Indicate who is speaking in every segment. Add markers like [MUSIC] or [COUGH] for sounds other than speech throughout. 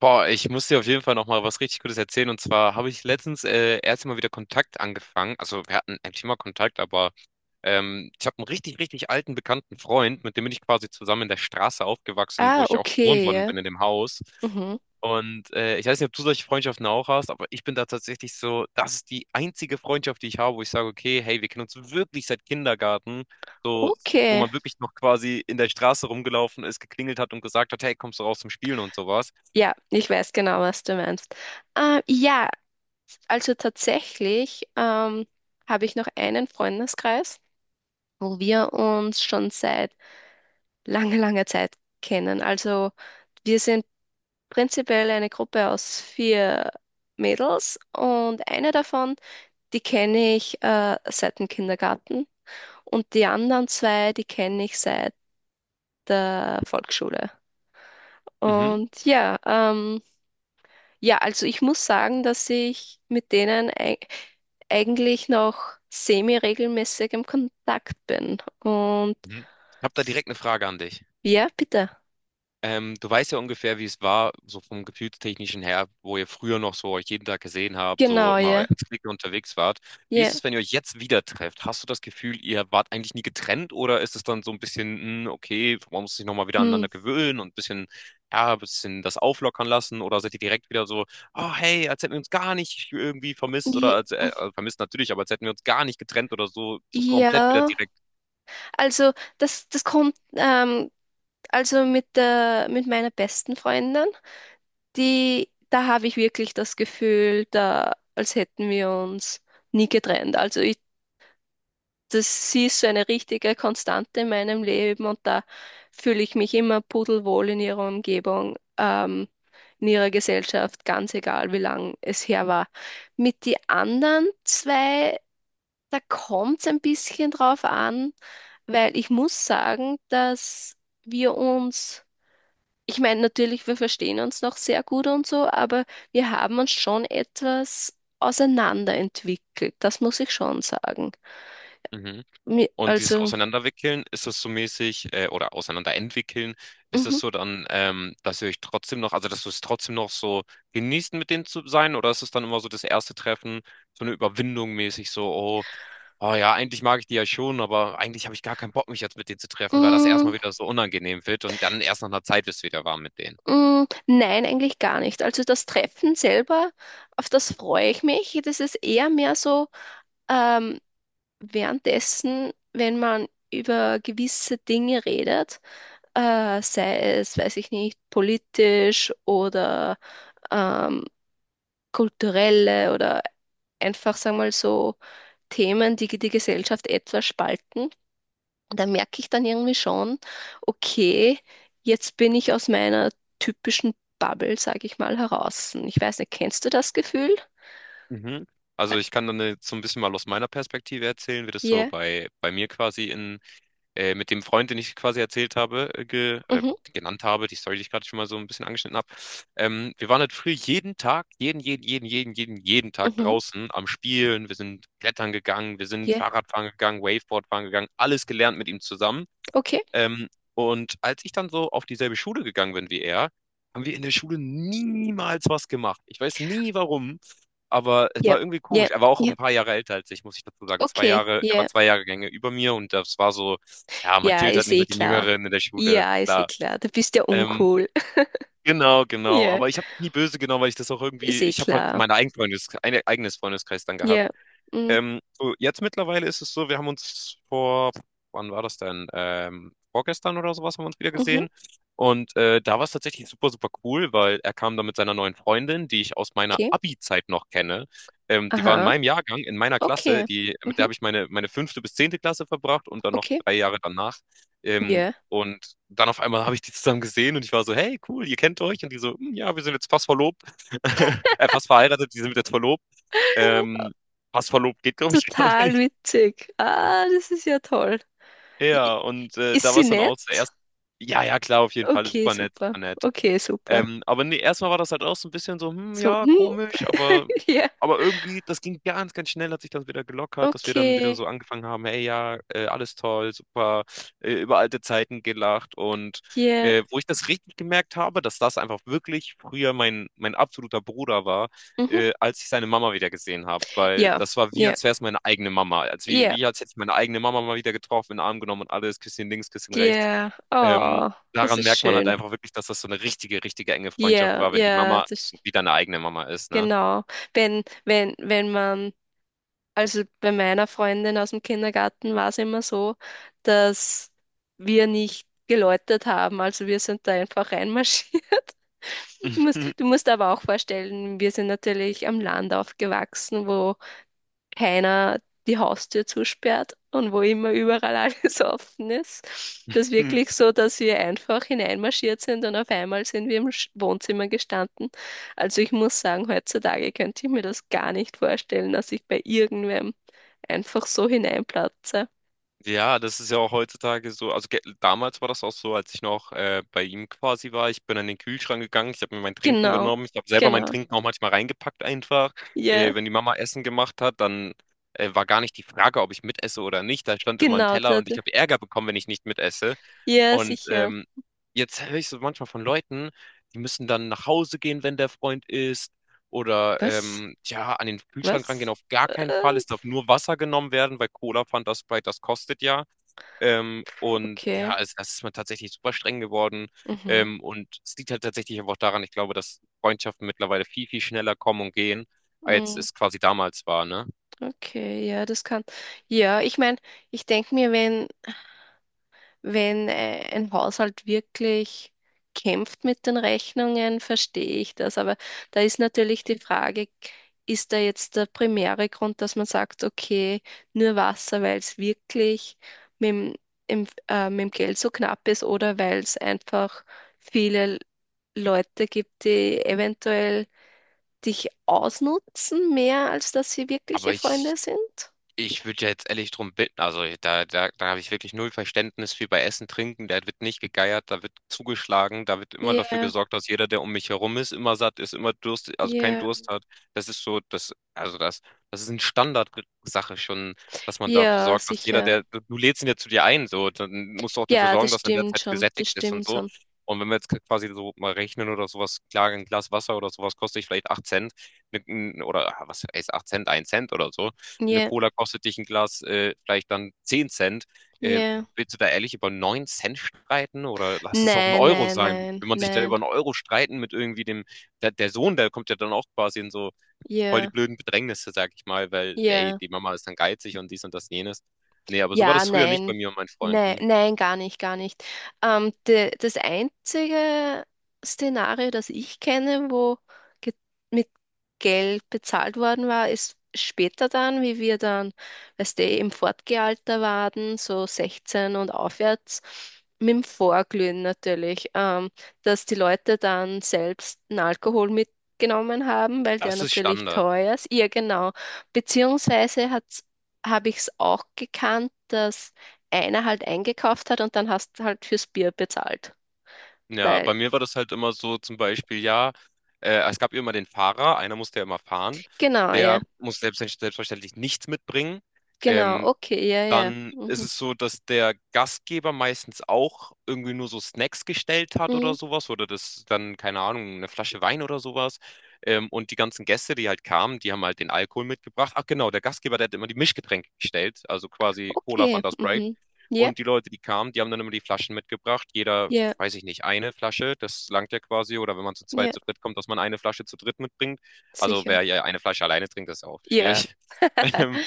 Speaker 1: Boah, ich muss dir auf jeden Fall noch mal was richtig Gutes erzählen. Und zwar habe ich letztens erst mal wieder Kontakt angefangen. Also wir hatten eigentlich immer Kontakt, aber ich habe einen richtig, richtig alten bekannten Freund, mit dem bin ich quasi zusammen in der Straße aufgewachsen, wo
Speaker 2: Ah,
Speaker 1: ich auch geboren
Speaker 2: okay.
Speaker 1: worden
Speaker 2: Ja.
Speaker 1: bin in dem Haus.
Speaker 2: Mhm.
Speaker 1: Und ich weiß nicht, ob du solche Freundschaften auch hast, aber ich bin da tatsächlich so, das ist die einzige Freundschaft, die ich habe, wo ich sage, okay, hey, wir kennen uns wirklich seit Kindergarten, so, wo
Speaker 2: Okay.
Speaker 1: man wirklich noch quasi in der Straße rumgelaufen ist, geklingelt hat und gesagt hat, hey, kommst du raus zum Spielen und sowas.
Speaker 2: Ja, ich weiß genau, was du meinst. Ja, also tatsächlich habe ich noch einen Freundeskreis, wo wir uns schon seit langer, langer Zeit kennen. Also wir sind prinzipiell eine Gruppe aus vier Mädels und eine davon, die kenne ich seit dem Kindergarten und die anderen zwei, die kenne ich seit der Volksschule.
Speaker 1: Mhm.
Speaker 2: Und ja. Ja, also ich muss sagen, dass ich mit denen eigentlich noch semi-regelmäßig im Kontakt bin. Und
Speaker 1: Mhm. Ich habe da direkt eine Frage an dich.
Speaker 2: ja, bitte.
Speaker 1: Du weißt ja ungefähr, wie es war, so vom Gefühlstechnischen her, wo ihr früher noch so euch jeden Tag gesehen habt, so
Speaker 2: Genau,
Speaker 1: immer
Speaker 2: ja.
Speaker 1: als Clique unterwegs wart. Wie
Speaker 2: Ja.
Speaker 1: ist es, wenn ihr euch jetzt wieder trefft? Hast du das Gefühl, ihr wart eigentlich nie getrennt oder ist es dann so ein bisschen, okay, man muss sich nochmal wieder
Speaker 2: Hm.
Speaker 1: aneinander gewöhnen und ein bisschen, ja, ein bisschen das auflockern lassen oder seid ihr direkt wieder so, oh hey, als hätten wir uns gar nicht irgendwie vermisst oder
Speaker 2: Je-
Speaker 1: als, vermisst natürlich, aber als hätten wir uns gar nicht getrennt oder so, so komplett wieder
Speaker 2: Ja,
Speaker 1: direkt.
Speaker 2: also das kommt, also mit meiner besten Freundin, da habe ich wirklich das Gefühl, als hätten wir uns nie getrennt. Also das ist so eine richtige Konstante in meinem Leben und da fühle ich mich immer pudelwohl in ihrer Umgebung, in ihrer Gesellschaft, ganz egal, wie lang es her war. Mit die anderen zwei, da kommt es ein bisschen drauf an, weil ich muss sagen, dass wir uns, ich meine, natürlich, wir verstehen uns noch sehr gut und so, aber wir haben uns schon etwas auseinanderentwickelt, das muss ich schon sagen.
Speaker 1: Mhm. Und dieses
Speaker 2: Also,
Speaker 1: Auseinanderwickeln, ist es so mäßig, oder Auseinanderentwickeln, ist
Speaker 2: mhm.
Speaker 1: es so dann, dass ihr euch trotzdem noch, also dass du es trotzdem noch so genießt, mit denen zu sein, oder ist es dann immer so das erste Treffen, so eine Überwindung mäßig, so, oh, oh ja, eigentlich mag ich die ja schon, aber eigentlich habe ich gar keinen Bock, mich jetzt mit denen zu treffen, weil das erstmal
Speaker 2: Mm,
Speaker 1: wieder so unangenehm wird und dann erst nach einer Zeit wird es wieder warm mit denen.
Speaker 2: mm, nein, eigentlich gar nicht. Also das Treffen selber, auf das freue ich mich. Das ist eher mehr so ähm, währenddessen, wenn man über gewisse Dinge redet, sei es, weiß ich nicht, politisch oder ähm, kulturelle oder einfach, sagen wir mal so, Themen, die die Gesellschaft etwas spalten. Da merke ich dann irgendwie schon, okay, jetzt bin ich aus meiner typischen Bubble, sage ich mal, heraus. Ich weiß nicht, kennst du das Gefühl?
Speaker 1: Mhm.
Speaker 2: Ä-
Speaker 1: Also ich kann dann jetzt so ein bisschen mal aus meiner Perspektive erzählen, wie das so
Speaker 2: Ja,
Speaker 1: bei, bei mir quasi in mit dem Freund, den ich quasi erzählt habe,
Speaker 2: mhm,
Speaker 1: genannt habe, die Story, die ich gerade schon mal so ein bisschen angeschnitten habe. Wir waren halt früher jeden Tag, jeden, jeden, jeden, jeden, jeden, jeden Tag
Speaker 2: mhm,
Speaker 1: draußen am Spielen. Wir sind klettern gegangen, wir sind
Speaker 2: ja,
Speaker 1: Fahrradfahren gegangen, Waveboard fahren gegangen, alles gelernt mit ihm zusammen.
Speaker 2: okay,
Speaker 1: Ähm, und als ich dann so auf dieselbe Schule gegangen bin wie er, haben wir in der Schule niemals was gemacht. Ich weiß nie warum, aber es
Speaker 2: ja,
Speaker 1: war irgendwie
Speaker 2: ja,
Speaker 1: komisch. Er war auch
Speaker 2: ja,
Speaker 1: ein paar Jahre älter als ich, muss ich dazu sagen. Zwei
Speaker 2: okay,
Speaker 1: Jahre, er war
Speaker 2: ja,
Speaker 1: 2 Jahrgänge über mir und das war so, ja, man
Speaker 2: ja,
Speaker 1: chillt halt
Speaker 2: ist
Speaker 1: nicht
Speaker 2: eh
Speaker 1: mit den
Speaker 2: klar.
Speaker 1: Jüngeren in der Schule,
Speaker 2: Ja, ist eh
Speaker 1: klar.
Speaker 2: klar, du bist ja
Speaker 1: Ähm,
Speaker 2: uncool. [LAUGHS]
Speaker 1: genau, genau.
Speaker 2: Ja,
Speaker 1: Aber ich habe nie böse genommen, weil ich das auch
Speaker 2: ist
Speaker 1: irgendwie,
Speaker 2: eh
Speaker 1: ich habe halt
Speaker 2: klar.
Speaker 1: meinen eigenen Freundes, eigenes Freundeskreis dann gehabt.
Speaker 2: Ja, mm,
Speaker 1: So jetzt mittlerweile ist es so, wir haben uns vor, wann war das denn? Vorgestern oder sowas haben wir uns wieder
Speaker 2: mhm,
Speaker 1: gesehen. Und da war es tatsächlich super, super cool, weil er kam da mit seiner neuen Freundin, die ich aus meiner
Speaker 2: okay,
Speaker 1: Abi-Zeit noch kenne. Die war in
Speaker 2: aha,
Speaker 1: meinem Jahrgang, in meiner Klasse,
Speaker 2: okay,
Speaker 1: die, mit der
Speaker 2: mhm,
Speaker 1: habe ich meine fünfte bis zehnte Klasse verbracht und dann noch
Speaker 2: okay,
Speaker 1: 3 Jahre danach. Ähm,
Speaker 2: ja.
Speaker 1: und dann auf einmal habe ich die zusammen gesehen und ich war so, hey, cool, ihr kennt euch. Und die so, "Hm, ja, wir sind jetzt fast verlobt, [LAUGHS] fast verheiratet, die sind jetzt verlobt.
Speaker 2: [LAUGHS]
Speaker 1: Ähm, Passverlob geht, glaube ich, [LAUGHS] gar
Speaker 2: Total
Speaker 1: nicht.
Speaker 2: witzig. Ah, das ist ja toll.
Speaker 1: Ja, und
Speaker 2: Ist
Speaker 1: da war
Speaker 2: sie
Speaker 1: es dann auch
Speaker 2: nett?
Speaker 1: zuerst. Ja, ja, klar, auf jeden Fall.
Speaker 2: Okay,
Speaker 1: Super nett,
Speaker 2: super.
Speaker 1: super nett.
Speaker 2: Okay, super.
Speaker 1: Aber nee, erstmal war das halt auch so ein bisschen so,
Speaker 2: So,
Speaker 1: ja,
Speaker 2: hm.
Speaker 1: komisch, aber,
Speaker 2: [LAUGHS] Ja,
Speaker 1: aber irgendwie, das ging ganz, ganz schnell, hat sich das wieder gelockert, dass wir dann wieder
Speaker 2: okay.
Speaker 1: so angefangen haben, hey, ja, alles toll, super, über alte Zeiten gelacht und
Speaker 2: Ja,
Speaker 1: wo ich das richtig gemerkt habe, dass das einfach wirklich früher mein absoluter Bruder war,
Speaker 2: mhm.
Speaker 1: als ich seine Mama wieder gesehen habe, weil
Speaker 2: Ja,
Speaker 1: das war wie,
Speaker 2: ja,
Speaker 1: als wäre es meine eigene Mama, als wie,
Speaker 2: ja,
Speaker 1: wie als hätte ich meine eigene Mama mal wieder getroffen, in den Arm genommen und alles, Küsschen links, Küsschen rechts.
Speaker 2: ja.
Speaker 1: Ähm,
Speaker 2: Oh, das
Speaker 1: daran
Speaker 2: ist
Speaker 1: merkt man halt
Speaker 2: schön.
Speaker 1: einfach wirklich, dass das so eine richtige, richtige enge Freundschaft
Speaker 2: Ja,
Speaker 1: war, wenn die
Speaker 2: ja,
Speaker 1: Mama
Speaker 2: das
Speaker 1: wieder eine eigene Mama ist, ne?
Speaker 2: genau. Wenn, wenn, wenn man Also bei meiner Freundin aus dem Kindergarten war es immer so, dass wir nicht geläutet haben. Also wir sind da einfach reinmarschiert. [LAUGHS] Du musst, du
Speaker 1: [LAUGHS]
Speaker 2: musst aber auch vorstellen, wir sind natürlich am Land aufgewachsen, wo keiner die Haustür zusperrt und wo immer überall alles [LAUGHS] offen ist. Das ist wirklich so, dass wir einfach hineinmarschiert sind und auf einmal sind wir im Wohnzimmer gestanden. Also ich muss sagen, heutzutage könnte ich mir das gar nicht vorstellen, dass ich bei irgendwem einfach so hineinplatze.
Speaker 1: Ja, das ist ja auch heutzutage so. Also, ge damals war das auch so, als ich noch, bei ihm quasi war. Ich bin an den Kühlschrank gegangen, ich habe mir mein Trinken
Speaker 2: Genau,
Speaker 1: genommen. Ich habe selber mein
Speaker 2: genau,
Speaker 1: Trinken auch manchmal reingepackt einfach.
Speaker 2: ja,
Speaker 1: Wenn die Mama Essen gemacht hat, dann, war gar nicht die Frage, ob ich mitesse oder nicht. Da stand immer ein
Speaker 2: genau,
Speaker 1: Teller und ich habe Ärger bekommen, wenn ich nicht mitesse.
Speaker 2: ja,
Speaker 1: Und
Speaker 2: sicher.
Speaker 1: jetzt höre ich so manchmal von Leuten, die müssen dann nach Hause gehen, wenn der Freund isst. Oder
Speaker 2: Was?
Speaker 1: ja, an den Kühlschrank rangehen
Speaker 2: Was?
Speaker 1: auf gar keinen Fall.
Speaker 2: Was?
Speaker 1: Es darf nur Wasser genommen werden, weil Cola, Fanta, Sprite, das kostet ja. Und
Speaker 2: Okay.
Speaker 1: ja, es ist man tatsächlich super streng geworden.
Speaker 2: Mhm.
Speaker 1: Und es liegt halt tatsächlich aber auch daran, ich glaube, dass Freundschaften mittlerweile viel, viel schneller kommen und gehen, als
Speaker 2: Mm.
Speaker 1: es quasi damals war, ne?
Speaker 2: Okay, ja, das kann. Ja, ich meine, ich denke mir, wenn, wenn ein Haushalt wirklich kämpft mit den Rechnungen, verstehe ich das. Aber da ist natürlich die Frage, ist da jetzt der primäre Grund, dass man sagt, okay, nur Wasser, weil es wirklich mit dem, mit dem Geld so knapp ist oder weil es einfach viele Leute gibt, die eventuell dich ausnutzen, mehr als dass sie
Speaker 1: Aber
Speaker 2: wirkliche
Speaker 1: ich
Speaker 2: Freunde sind?
Speaker 1: Ich würde ja jetzt ehrlich drum bitten, also da habe ich wirklich null Verständnis für bei Essen, Trinken, da wird nicht gegeiert, da wird zugeschlagen, da wird immer dafür
Speaker 2: Ja.
Speaker 1: gesorgt, dass jeder, der um mich herum ist, immer satt ist, immer Durst, also keinen
Speaker 2: Ja,
Speaker 1: Durst hat. Das ist so, das ist eine Standardsache schon, dass man dafür
Speaker 2: ja,
Speaker 1: sorgt, dass jeder,
Speaker 2: sicher.
Speaker 1: der, du lädst ihn ja zu dir ein, so, dann musst du auch dafür
Speaker 2: Ja,
Speaker 1: sorgen,
Speaker 2: das
Speaker 1: dass er in der
Speaker 2: stimmt
Speaker 1: Zeit
Speaker 2: schon.
Speaker 1: gesättigt
Speaker 2: Das
Speaker 1: ist und
Speaker 2: stimmt
Speaker 1: so.
Speaker 2: schon.
Speaker 1: Und wenn wir jetzt quasi so mal rechnen oder sowas, klar, ein Glas Wasser oder sowas kostet vielleicht 8 Cent, oder was ist 8 Cent, 1 Cent oder so eine
Speaker 2: Ja,
Speaker 1: Cola kostet dich ein Glas vielleicht dann 10 Cent. Äh,
Speaker 2: ja.
Speaker 1: willst du da ehrlich über 9 Cent streiten oder lass es auch ein
Speaker 2: Nein,
Speaker 1: Euro
Speaker 2: nein,
Speaker 1: sein?
Speaker 2: nein,
Speaker 1: Wenn man sich da
Speaker 2: nein.
Speaker 1: über 1 Euro streiten mit irgendwie dem, der Sohn, der kommt ja dann auch quasi in so voll die
Speaker 2: Ja,
Speaker 1: blöden Bedrängnisse, sag ich mal, weil, ey,
Speaker 2: ja.
Speaker 1: die Mama ist dann geizig und dies und das jenes. Nee, aber so war
Speaker 2: Ja,
Speaker 1: das früher nicht bei
Speaker 2: nein.
Speaker 1: mir und meinen
Speaker 2: Nein,
Speaker 1: Freunden.
Speaker 2: nein, gar nicht, gar nicht. Das einzige Szenario, das ich kenne, wo ge mit Geld bezahlt worden war, ist später dann, wie wir dann, weißt du, im Fortgealter waren, so 16 und aufwärts, mit dem Vorglühen natürlich, dass die Leute dann selbst einen Alkohol mitgenommen haben, weil der
Speaker 1: Das ist
Speaker 2: natürlich
Speaker 1: Standard.
Speaker 2: teuer ist. Ja, genau. Beziehungsweise hat habe ich es auch gekannt, dass einer halt eingekauft hat und dann hast du halt fürs Bier bezahlt.
Speaker 1: Ja, bei
Speaker 2: Weil,
Speaker 1: mir war das halt immer so, zum Beispiel, ja, es gab immer den Fahrer, einer musste ja immer fahren,
Speaker 2: genau, ja,
Speaker 1: der muss selbstverständlich nichts mitbringen.
Speaker 2: genau,
Speaker 1: Ähm,
Speaker 2: okay, ja, ja.
Speaker 1: Dann ist
Speaker 2: Mhm,
Speaker 1: es so, dass der Gastgeber meistens auch irgendwie nur so Snacks gestellt hat
Speaker 2: mhm,
Speaker 1: oder sowas oder das dann, keine Ahnung, eine Flasche Wein oder sowas. Und die ganzen Gäste, die halt kamen, die haben halt den Alkohol mitgebracht. Ach genau, der Gastgeber, der hat immer die Mischgetränke gestellt, also quasi Cola,
Speaker 2: okay,
Speaker 1: Fanta, Sprite.
Speaker 2: mhm. Ja,
Speaker 1: Und die Leute, die kamen, die haben dann immer die Flaschen mitgebracht. Jeder,
Speaker 2: ja,
Speaker 1: weiß ich nicht, eine Flasche, das langt ja quasi. Oder wenn man zu
Speaker 2: ja,
Speaker 1: zweit, zu dritt kommt, dass man eine Flasche zu dritt mitbringt. Also
Speaker 2: sicher.
Speaker 1: wer ja eine Flasche alleine trinkt, das ist ja auch
Speaker 2: Ja,
Speaker 1: schwierig. [LAUGHS]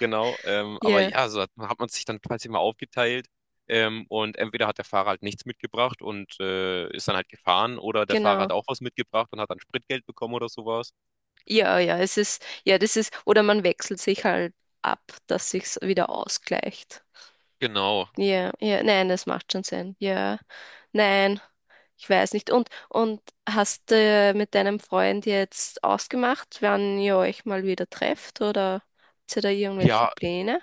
Speaker 1: Genau, aber
Speaker 2: ja,
Speaker 1: ja, so hat man sich dann quasi mal aufgeteilt. Und entweder hat der Fahrer halt nichts mitgebracht und ist dann halt gefahren, oder der Fahrer hat
Speaker 2: genau.
Speaker 1: auch was mitgebracht und hat dann Spritgeld bekommen oder sowas.
Speaker 2: Ja, ja, es ist, ja, das ist, oder man wechselt sich halt ab, dass sich's wieder ausgleicht.
Speaker 1: Genau.
Speaker 2: Ja, ja, nein, das macht schon Sinn. Ja, nein. Ich weiß nicht. Und hast du mit deinem Freund jetzt ausgemacht, wann ihr euch mal wieder trefft oder habt ihr da irgendwelche
Speaker 1: Ja,
Speaker 2: Pläne?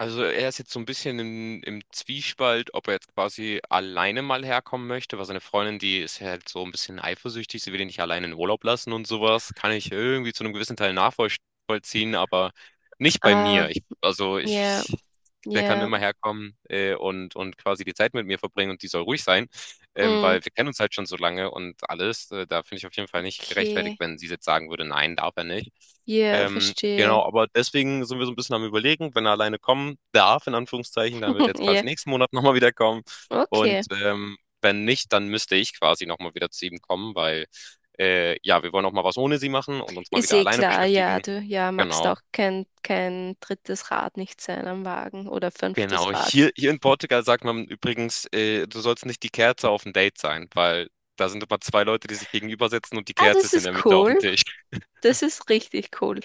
Speaker 1: also er ist jetzt so ein bisschen im Zwiespalt, ob er jetzt quasi alleine mal herkommen möchte, weil seine Freundin, die ist ja halt so ein bisschen eifersüchtig, sie will ihn nicht alleine in Urlaub lassen und sowas. Kann ich irgendwie zu einem gewissen Teil nachvollziehen, aber nicht bei
Speaker 2: Ah,
Speaker 1: mir. Ich, also
Speaker 2: ja,
Speaker 1: ich, der kann
Speaker 2: ja,
Speaker 1: immer herkommen und, quasi die Zeit mit mir verbringen und die soll ruhig sein,
Speaker 2: mm,
Speaker 1: weil wir kennen uns halt schon so lange und alles. Da finde ich auf jeden Fall nicht gerechtfertigt,
Speaker 2: okay.
Speaker 1: wenn sie jetzt sagen würde, nein, darf er nicht.
Speaker 2: Ja,
Speaker 1: Ähm,
Speaker 2: verstehe.
Speaker 1: genau, aber deswegen sind wir so ein bisschen am Überlegen, wenn er alleine kommen darf, in Anführungszeichen, dann wird er
Speaker 2: [LAUGHS]
Speaker 1: jetzt
Speaker 2: Ja,
Speaker 1: quasi nächsten Monat [LAUGHS] nochmal wieder kommen.
Speaker 2: okay.
Speaker 1: Und wenn nicht, dann müsste ich quasi nochmal wieder zu ihm kommen, weil ja, wir wollen auch mal was ohne sie machen und uns mal
Speaker 2: Ist
Speaker 1: wieder
Speaker 2: eh
Speaker 1: alleine
Speaker 2: klar, ja,
Speaker 1: beschäftigen.
Speaker 2: du ja, magst
Speaker 1: Genau.
Speaker 2: auch kein drittes Rad nicht sein am Wagen oder fünftes
Speaker 1: Genau.
Speaker 2: Rad.
Speaker 1: Hier in Portugal sagt man übrigens, du sollst nicht die Kerze auf dem Date sein, weil da sind immer zwei Leute, die sich gegenüber sitzen und die
Speaker 2: Ah,
Speaker 1: Kerze
Speaker 2: das
Speaker 1: ist in
Speaker 2: ist
Speaker 1: der Mitte auf dem
Speaker 2: cool.
Speaker 1: Tisch.
Speaker 2: Das ist richtig cool.